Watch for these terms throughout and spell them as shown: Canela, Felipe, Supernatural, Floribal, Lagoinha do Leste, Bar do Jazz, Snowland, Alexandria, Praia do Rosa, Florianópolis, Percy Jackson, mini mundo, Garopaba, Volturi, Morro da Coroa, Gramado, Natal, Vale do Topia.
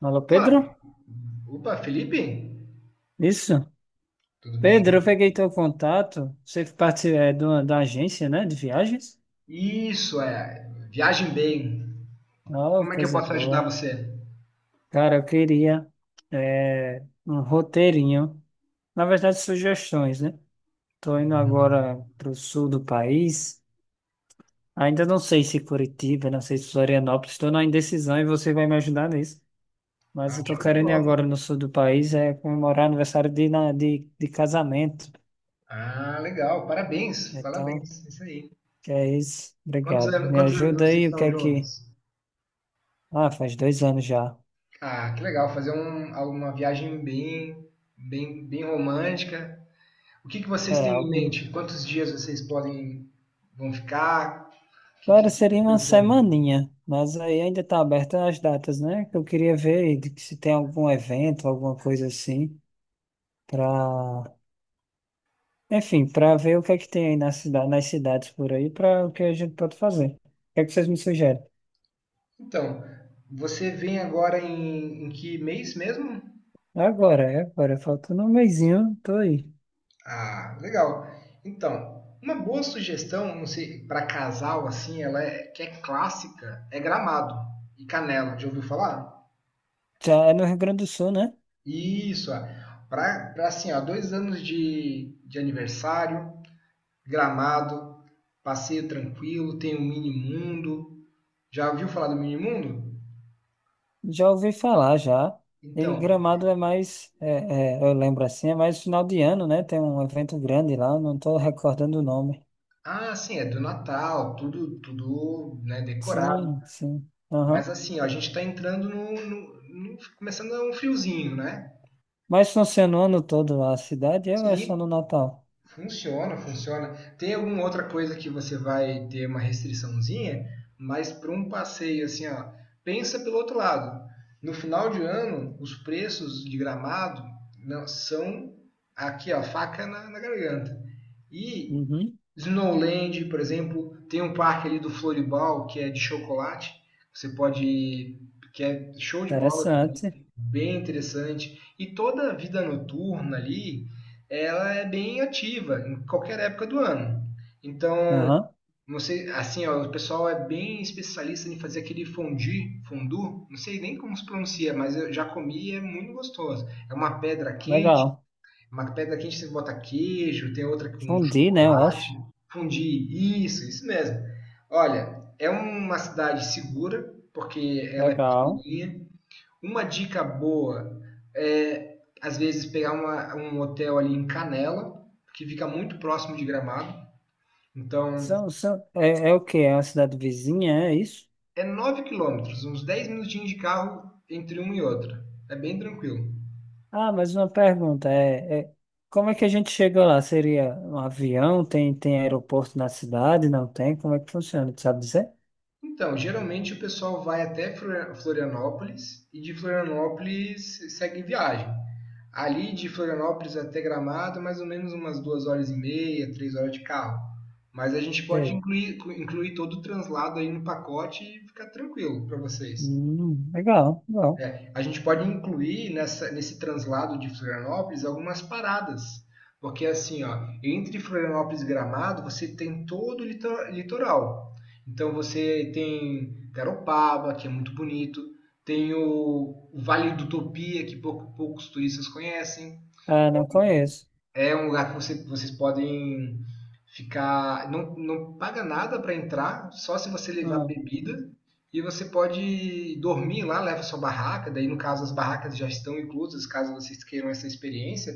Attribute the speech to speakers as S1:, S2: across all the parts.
S1: Alô,
S2: Fala,
S1: Pedro?
S2: opa, Felipe?
S1: Isso.
S2: Tudo bem?
S1: Pedro, eu peguei teu contato. Você parte da agência, né, de viagens?
S2: Isso, é. Viagem bem.
S1: Oh,
S2: Como é que eu
S1: coisa
S2: posso ajudar
S1: boa.
S2: você?
S1: Cara, eu queria um roteirinho. Na verdade, sugestões, né? Tô indo agora pro sul do país. Ainda não sei se Curitiba, não sei se Florianópolis. Estou na indecisão e você vai me ajudar nisso. Mas
S2: Ah,
S1: eu tô
S2: show de
S1: querendo ir
S2: bola.
S1: agora no sul do país é comemorar aniversário de casamento.
S2: Ah, legal. Parabéns,
S1: Então.
S2: parabéns. Isso aí.
S1: Que é isso?
S2: Quantos
S1: Obrigado.
S2: anos,
S1: Me
S2: quantos anos
S1: ajuda
S2: vocês
S1: aí, o que
S2: estão
S1: é que.
S2: juntos?
S1: Ah, faz 2 anos já.
S2: Ah, que legal. Fazer uma viagem bem, bem, bem romântica. O que que vocês
S1: É,
S2: têm em
S1: algo.
S2: mente? Quantos dias vocês vão ficar? O que que
S1: Agora
S2: vocês estão
S1: seria uma
S2: pensando?
S1: semaninha, mas aí ainda tá aberta as datas, né? Que eu queria ver aí de que se tem algum evento, alguma coisa assim, pra. Enfim, pra ver o que é que tem aí na cida... nas cidades por aí, pra o que a gente pode fazer. O que é que vocês me sugerem?
S2: Então, você vem agora em, que mês mesmo?
S1: Agora, é agora, falta um mesinho, tô aí.
S2: Ah, legal. Então, uma boa sugestão, não sei, para casal assim, ela é que é clássica, é Gramado e Canela. Já ouviu falar?
S1: Já é no Rio Grande do Sul, né?
S2: Isso, para assim, ó, 2 anos de aniversário, Gramado, passeio tranquilo, tem o mini mundo. Já ouviu falar do mini mundo?
S1: Já ouvi falar já. E
S2: Então,
S1: Gramado é mais, eu lembro assim, é mais final de ano, né? Tem um evento grande lá, não estou recordando o nome.
S2: ah, sim, é do Natal, tudo, tudo, né, decorado.
S1: Sim, sim.
S2: Mas
S1: Aham.
S2: assim, ó, a gente está entrando começando a um friozinho, né?
S1: Mas funciona o ano todo a cidade é ou é só no
S2: Sim,
S1: Natal?
S2: funciona, funciona. Tem alguma outra coisa que você vai ter uma restriçãozinha, mas para um passeio assim, ó, pensa pelo outro lado. No final de ano, os preços de Gramado são aqui, ó, faca na garganta. E
S1: Uhum.
S2: Snowland, por exemplo, tem um parque ali do Floribal que é de chocolate. Você pode, que é show de bola também,
S1: Interessante.
S2: bem interessante. E toda a vida noturna ali, ela é bem ativa em qualquer época do ano. Então,
S1: Aham.
S2: não sei, assim, ó, o pessoal é bem especialista em fazer aquele fondue, fondue, não sei nem como se pronuncia, mas eu já comi e é muito gostoso. É uma pedra quente,
S1: Legal.
S2: você bota queijo, tem outra com
S1: Fundi, né? Eu
S2: chocolate,
S1: acho.
S2: fundir, isso mesmo. Olha, é uma cidade segura, porque ela é
S1: Legal.
S2: pequenininha. Uma dica boa é, às vezes, pegar um hotel ali em Canela, que fica muito próximo de Gramado. Então,
S1: São, são, o quê? É uma cidade vizinha, é isso?
S2: é 9 km, uns 10 minutinhos de carro entre uma e outra. É bem tranquilo.
S1: Ah, mas uma pergunta, como é que a gente chega lá? Seria um avião? Tem, tem aeroporto na cidade? Não tem? Como é que funciona? Tu sabe dizer?
S2: Então, geralmente o pessoal vai até Florianópolis e de Florianópolis segue viagem. Ali de Florianópolis até Gramado, mais ou menos umas duas horas e meia, 3 horas de carro. Mas a gente pode
S1: Sei.
S2: incluir todo o translado aí no pacote e ficar tranquilo para vocês.
S1: Legal, legal.
S2: É, a gente pode incluir nesse translado de Florianópolis algumas paradas. Porque assim, ó, entre Florianópolis e Gramado, você tem todo o litoral. Então você tem Garopaba, que é muito bonito, tem o Vale do Topia, que poucos turistas conhecem,
S1: Ah, não conheço.
S2: é um lugar que vocês podem ficar. Não, não paga nada para entrar, só se você levar
S1: Hum,
S2: bebida. E você pode dormir lá, leva sua barraca. Daí, no caso, as barracas já estão inclusas, caso vocês queiram essa experiência.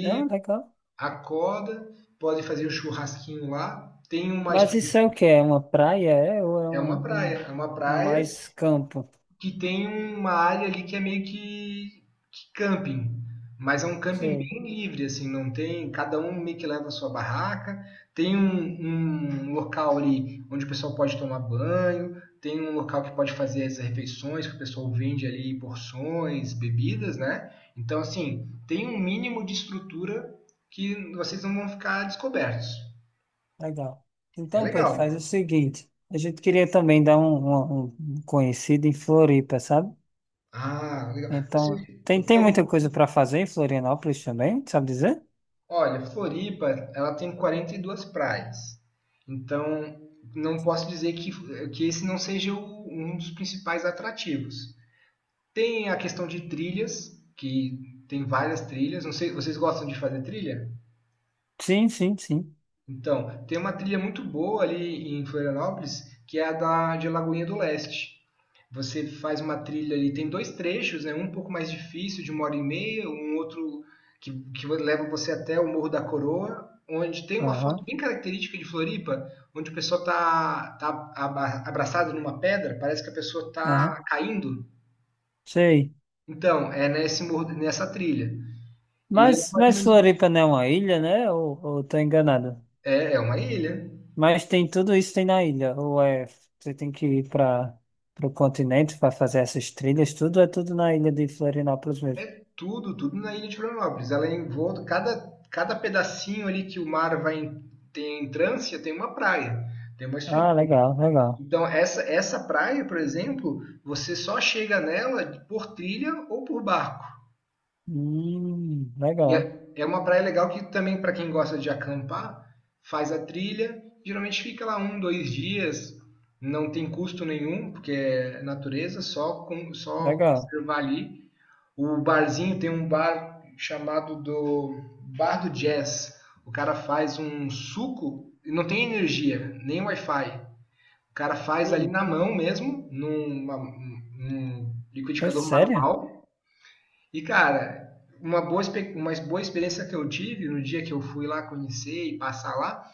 S1: não, legal.
S2: acorda, pode fazer o churrasquinho lá. Tem uma
S1: Mas
S2: estrutura.
S1: isso é o quê? É uma praia? É, ou é
S2: É uma praia,
S1: um,
S2: é uma
S1: um
S2: praia
S1: mais campo?
S2: que tem uma área ali que é meio que camping, mas é um camping
S1: Sei,
S2: bem livre, assim, não tem, cada um meio que leva a sua barraca, tem um local ali onde o pessoal pode tomar banho, tem um local que pode fazer as refeições, que o pessoal vende ali porções, bebidas, né? Então, assim, tem um mínimo de estrutura que vocês não vão ficar descobertos.
S1: legal.
S2: É
S1: Então, Pedro, faz o
S2: legal.
S1: seguinte. A gente queria também dar um, um conhecido em Floripa, sabe?
S2: Ah, legal. Você
S1: Então, tem,
S2: tem
S1: tem muita
S2: algum
S1: coisa para fazer em Florianópolis também, sabe dizer?
S2: Olha, Floripa, ela tem 42 praias. Então, não posso dizer que esse não seja um dos principais atrativos. Tem a questão de trilhas, que tem várias trilhas. Não sei, vocês gostam de fazer trilha?
S1: Sim, sim, sim.
S2: Então, tem uma trilha muito boa ali em Florianópolis, que é a da de Lagoinha do Leste. Você faz uma trilha ali, tem dois trechos, né? Um pouco mais difícil, de uma hora e meia, um outro que leva você até o Morro da Coroa, onde tem uma foto
S1: Aham,
S2: bem característica de Floripa, onde o pessoal tá abraçado numa pedra, parece que a pessoa
S1: aham.
S2: tá caindo.
S1: Sei.
S2: Então, é nesse morro, nessa trilha. E leva mais ou
S1: Mas
S2: menos.
S1: Floripa não é uma ilha, né? Ou tô enganado?
S2: É, é uma ilha.
S1: Mas tem tudo isso tem na ilha. Ou é, você tem que ir para o continente para fazer essas trilhas, tudo é tudo na ilha de Florianópolis mesmo.
S2: É tudo, tudo na ilha de Florianópolis. Ela é envolta, cada pedacinho ali que o mar vai em, tem entrância tem uma praia, tem uma
S1: Ah,
S2: estrutura.
S1: legal, legal.
S2: Então, essa praia, por exemplo, você só chega nela por trilha ou por barco. E
S1: Legal,
S2: é uma praia legal que também, para quem gosta de acampar, faz a trilha, geralmente fica lá um, dois dias, não tem custo nenhum, porque é natureza, só, só
S1: legal.
S2: conservar ali. O barzinho tem um bar chamado do Bar do Jazz. O cara faz um suco e não tem energia, nem Wi-Fi. O cara faz ali
S1: Hum,
S2: na mão mesmo, num
S1: é
S2: liquidificador
S1: sério?
S2: manual. E, cara, uma boa experiência que eu tive no dia que eu fui lá conhecer e passar lá,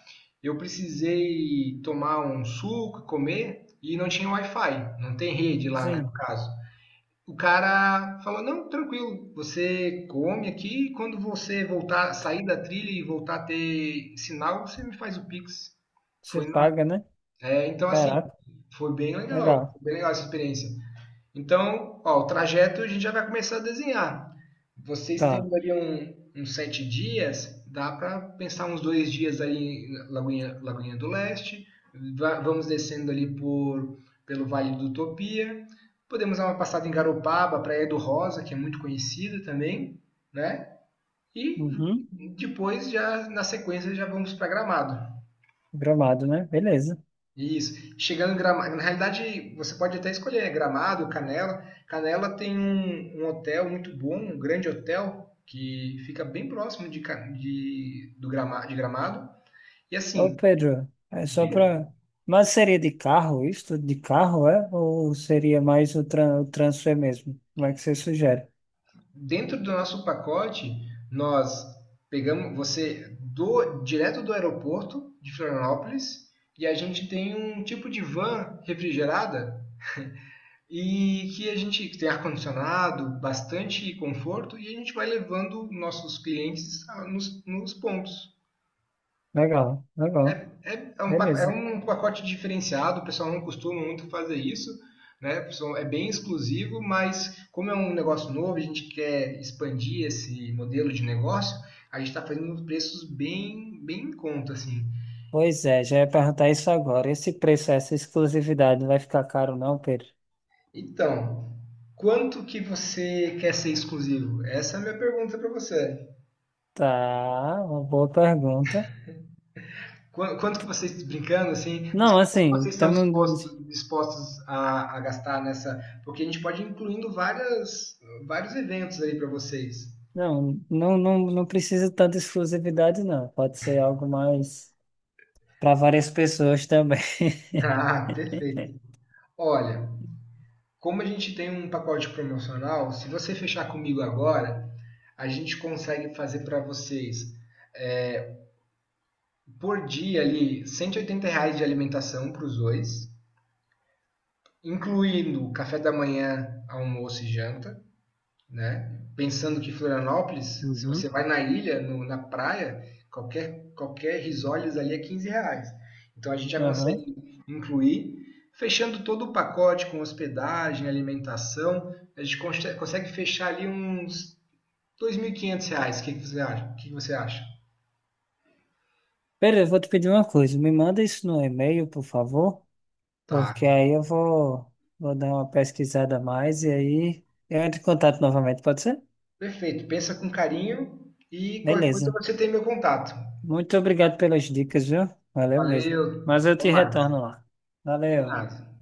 S2: eu precisei tomar um suco, comer, e não tinha Wi-Fi. Não tem rede lá, né, no
S1: Sim,
S2: caso. O cara falou: Não, tranquilo, você come aqui e quando você voltar, sair da trilha e voltar a ter sinal, você me faz o Pix.
S1: você
S2: Foi na-
S1: paga, né?
S2: então, assim,
S1: Caraca,
S2: foi
S1: legal.
S2: bem legal essa experiência. Então, ó, o trajeto a gente já vai começar a desenhar. Vocês
S1: Tá.
S2: tendo ali uns 7 dias, dá para pensar uns 2 dias ali em Lagoinha do Leste. Vamos descendo ali pelo Vale do Utopia. Podemos dar uma passada em Garopaba, Praia do Rosa, que é muito conhecida também, né? E
S1: Uhum.
S2: depois, já na sequência, já vamos para Gramado.
S1: Gramado, né? Beleza.
S2: Isso. Chegando em Gramado, na realidade você pode até escolher, né? Gramado, Canela. Canela tem um hotel muito bom, um grande hotel que fica bem próximo de, Ca- de- do Grama- de Gramado. E
S1: Ô,
S2: assim,
S1: Pedro, é só
S2: diga,
S1: para. Mas seria de carro isso? Tudo De carro, é? Ou seria mais o, tran o transfer mesmo? Como é que você sugere?
S2: dentro do nosso pacote, nós pegamos você do direto do aeroporto de Florianópolis e a gente tem um tipo de van refrigerada e que a gente tem ar-condicionado, bastante conforto e a gente vai levando nossos clientes nos pontos.
S1: Legal,
S2: É,
S1: legal.
S2: é
S1: Beleza.
S2: um pacote diferenciado, o pessoal não costuma muito fazer isso, né? É bem exclusivo, mas como é um negócio novo, a gente quer expandir esse modelo de negócio, a gente está fazendo preços bem, bem em conta, assim.
S1: Pois é, já ia perguntar isso agora. Esse preço, essa exclusividade, não vai ficar caro, não, Pedro?
S2: Então, quanto que você quer ser exclusivo? Essa é a minha pergunta para você.
S1: Tá, uma boa pergunta.
S2: Quanto que vocês, brincando assim, mas
S1: Não,
S2: quanto que
S1: assim,
S2: vocês estão
S1: tamo...
S2: dispostos a gastar nessa? Porque a gente pode ir incluindo vários eventos aí para vocês.
S1: não, não, não, não precisa tanta exclusividade, não. Pode ser algo mais para várias pessoas também.
S2: Ah, perfeito. Olha, como a gente tem um pacote promocional, se você fechar comigo agora, a gente consegue fazer para vocês por dia ali R$ 180 reais de alimentação para os dois, incluindo café da manhã, almoço e janta, né? Pensando que Florianópolis, se você
S1: Uhum.
S2: vai na ilha, na praia, qualquer risoles ali é R$ 15. Então a gente já
S1: Aham.
S2: consegue incluir, fechando todo o pacote com hospedagem, alimentação, a gente consegue fechar ali uns R$ 2.500. O que você acha? O que você acha?
S1: Pedro, eu vou te pedir uma coisa. Me manda isso no e-mail, por favor, porque
S2: Tá,
S1: aí eu vou, vou dar uma pesquisada a mais e aí eu entro em contato novamente, pode ser?
S2: perfeito. Pensa com carinho e qualquer coisa
S1: Beleza.
S2: você tem meu contato.
S1: Muito obrigado pelas dicas, viu? Valeu mesmo.
S2: Valeu,
S1: Mas eu
S2: até
S1: te
S2: mais.
S1: retorno lá. Valeu.
S2: Combinado.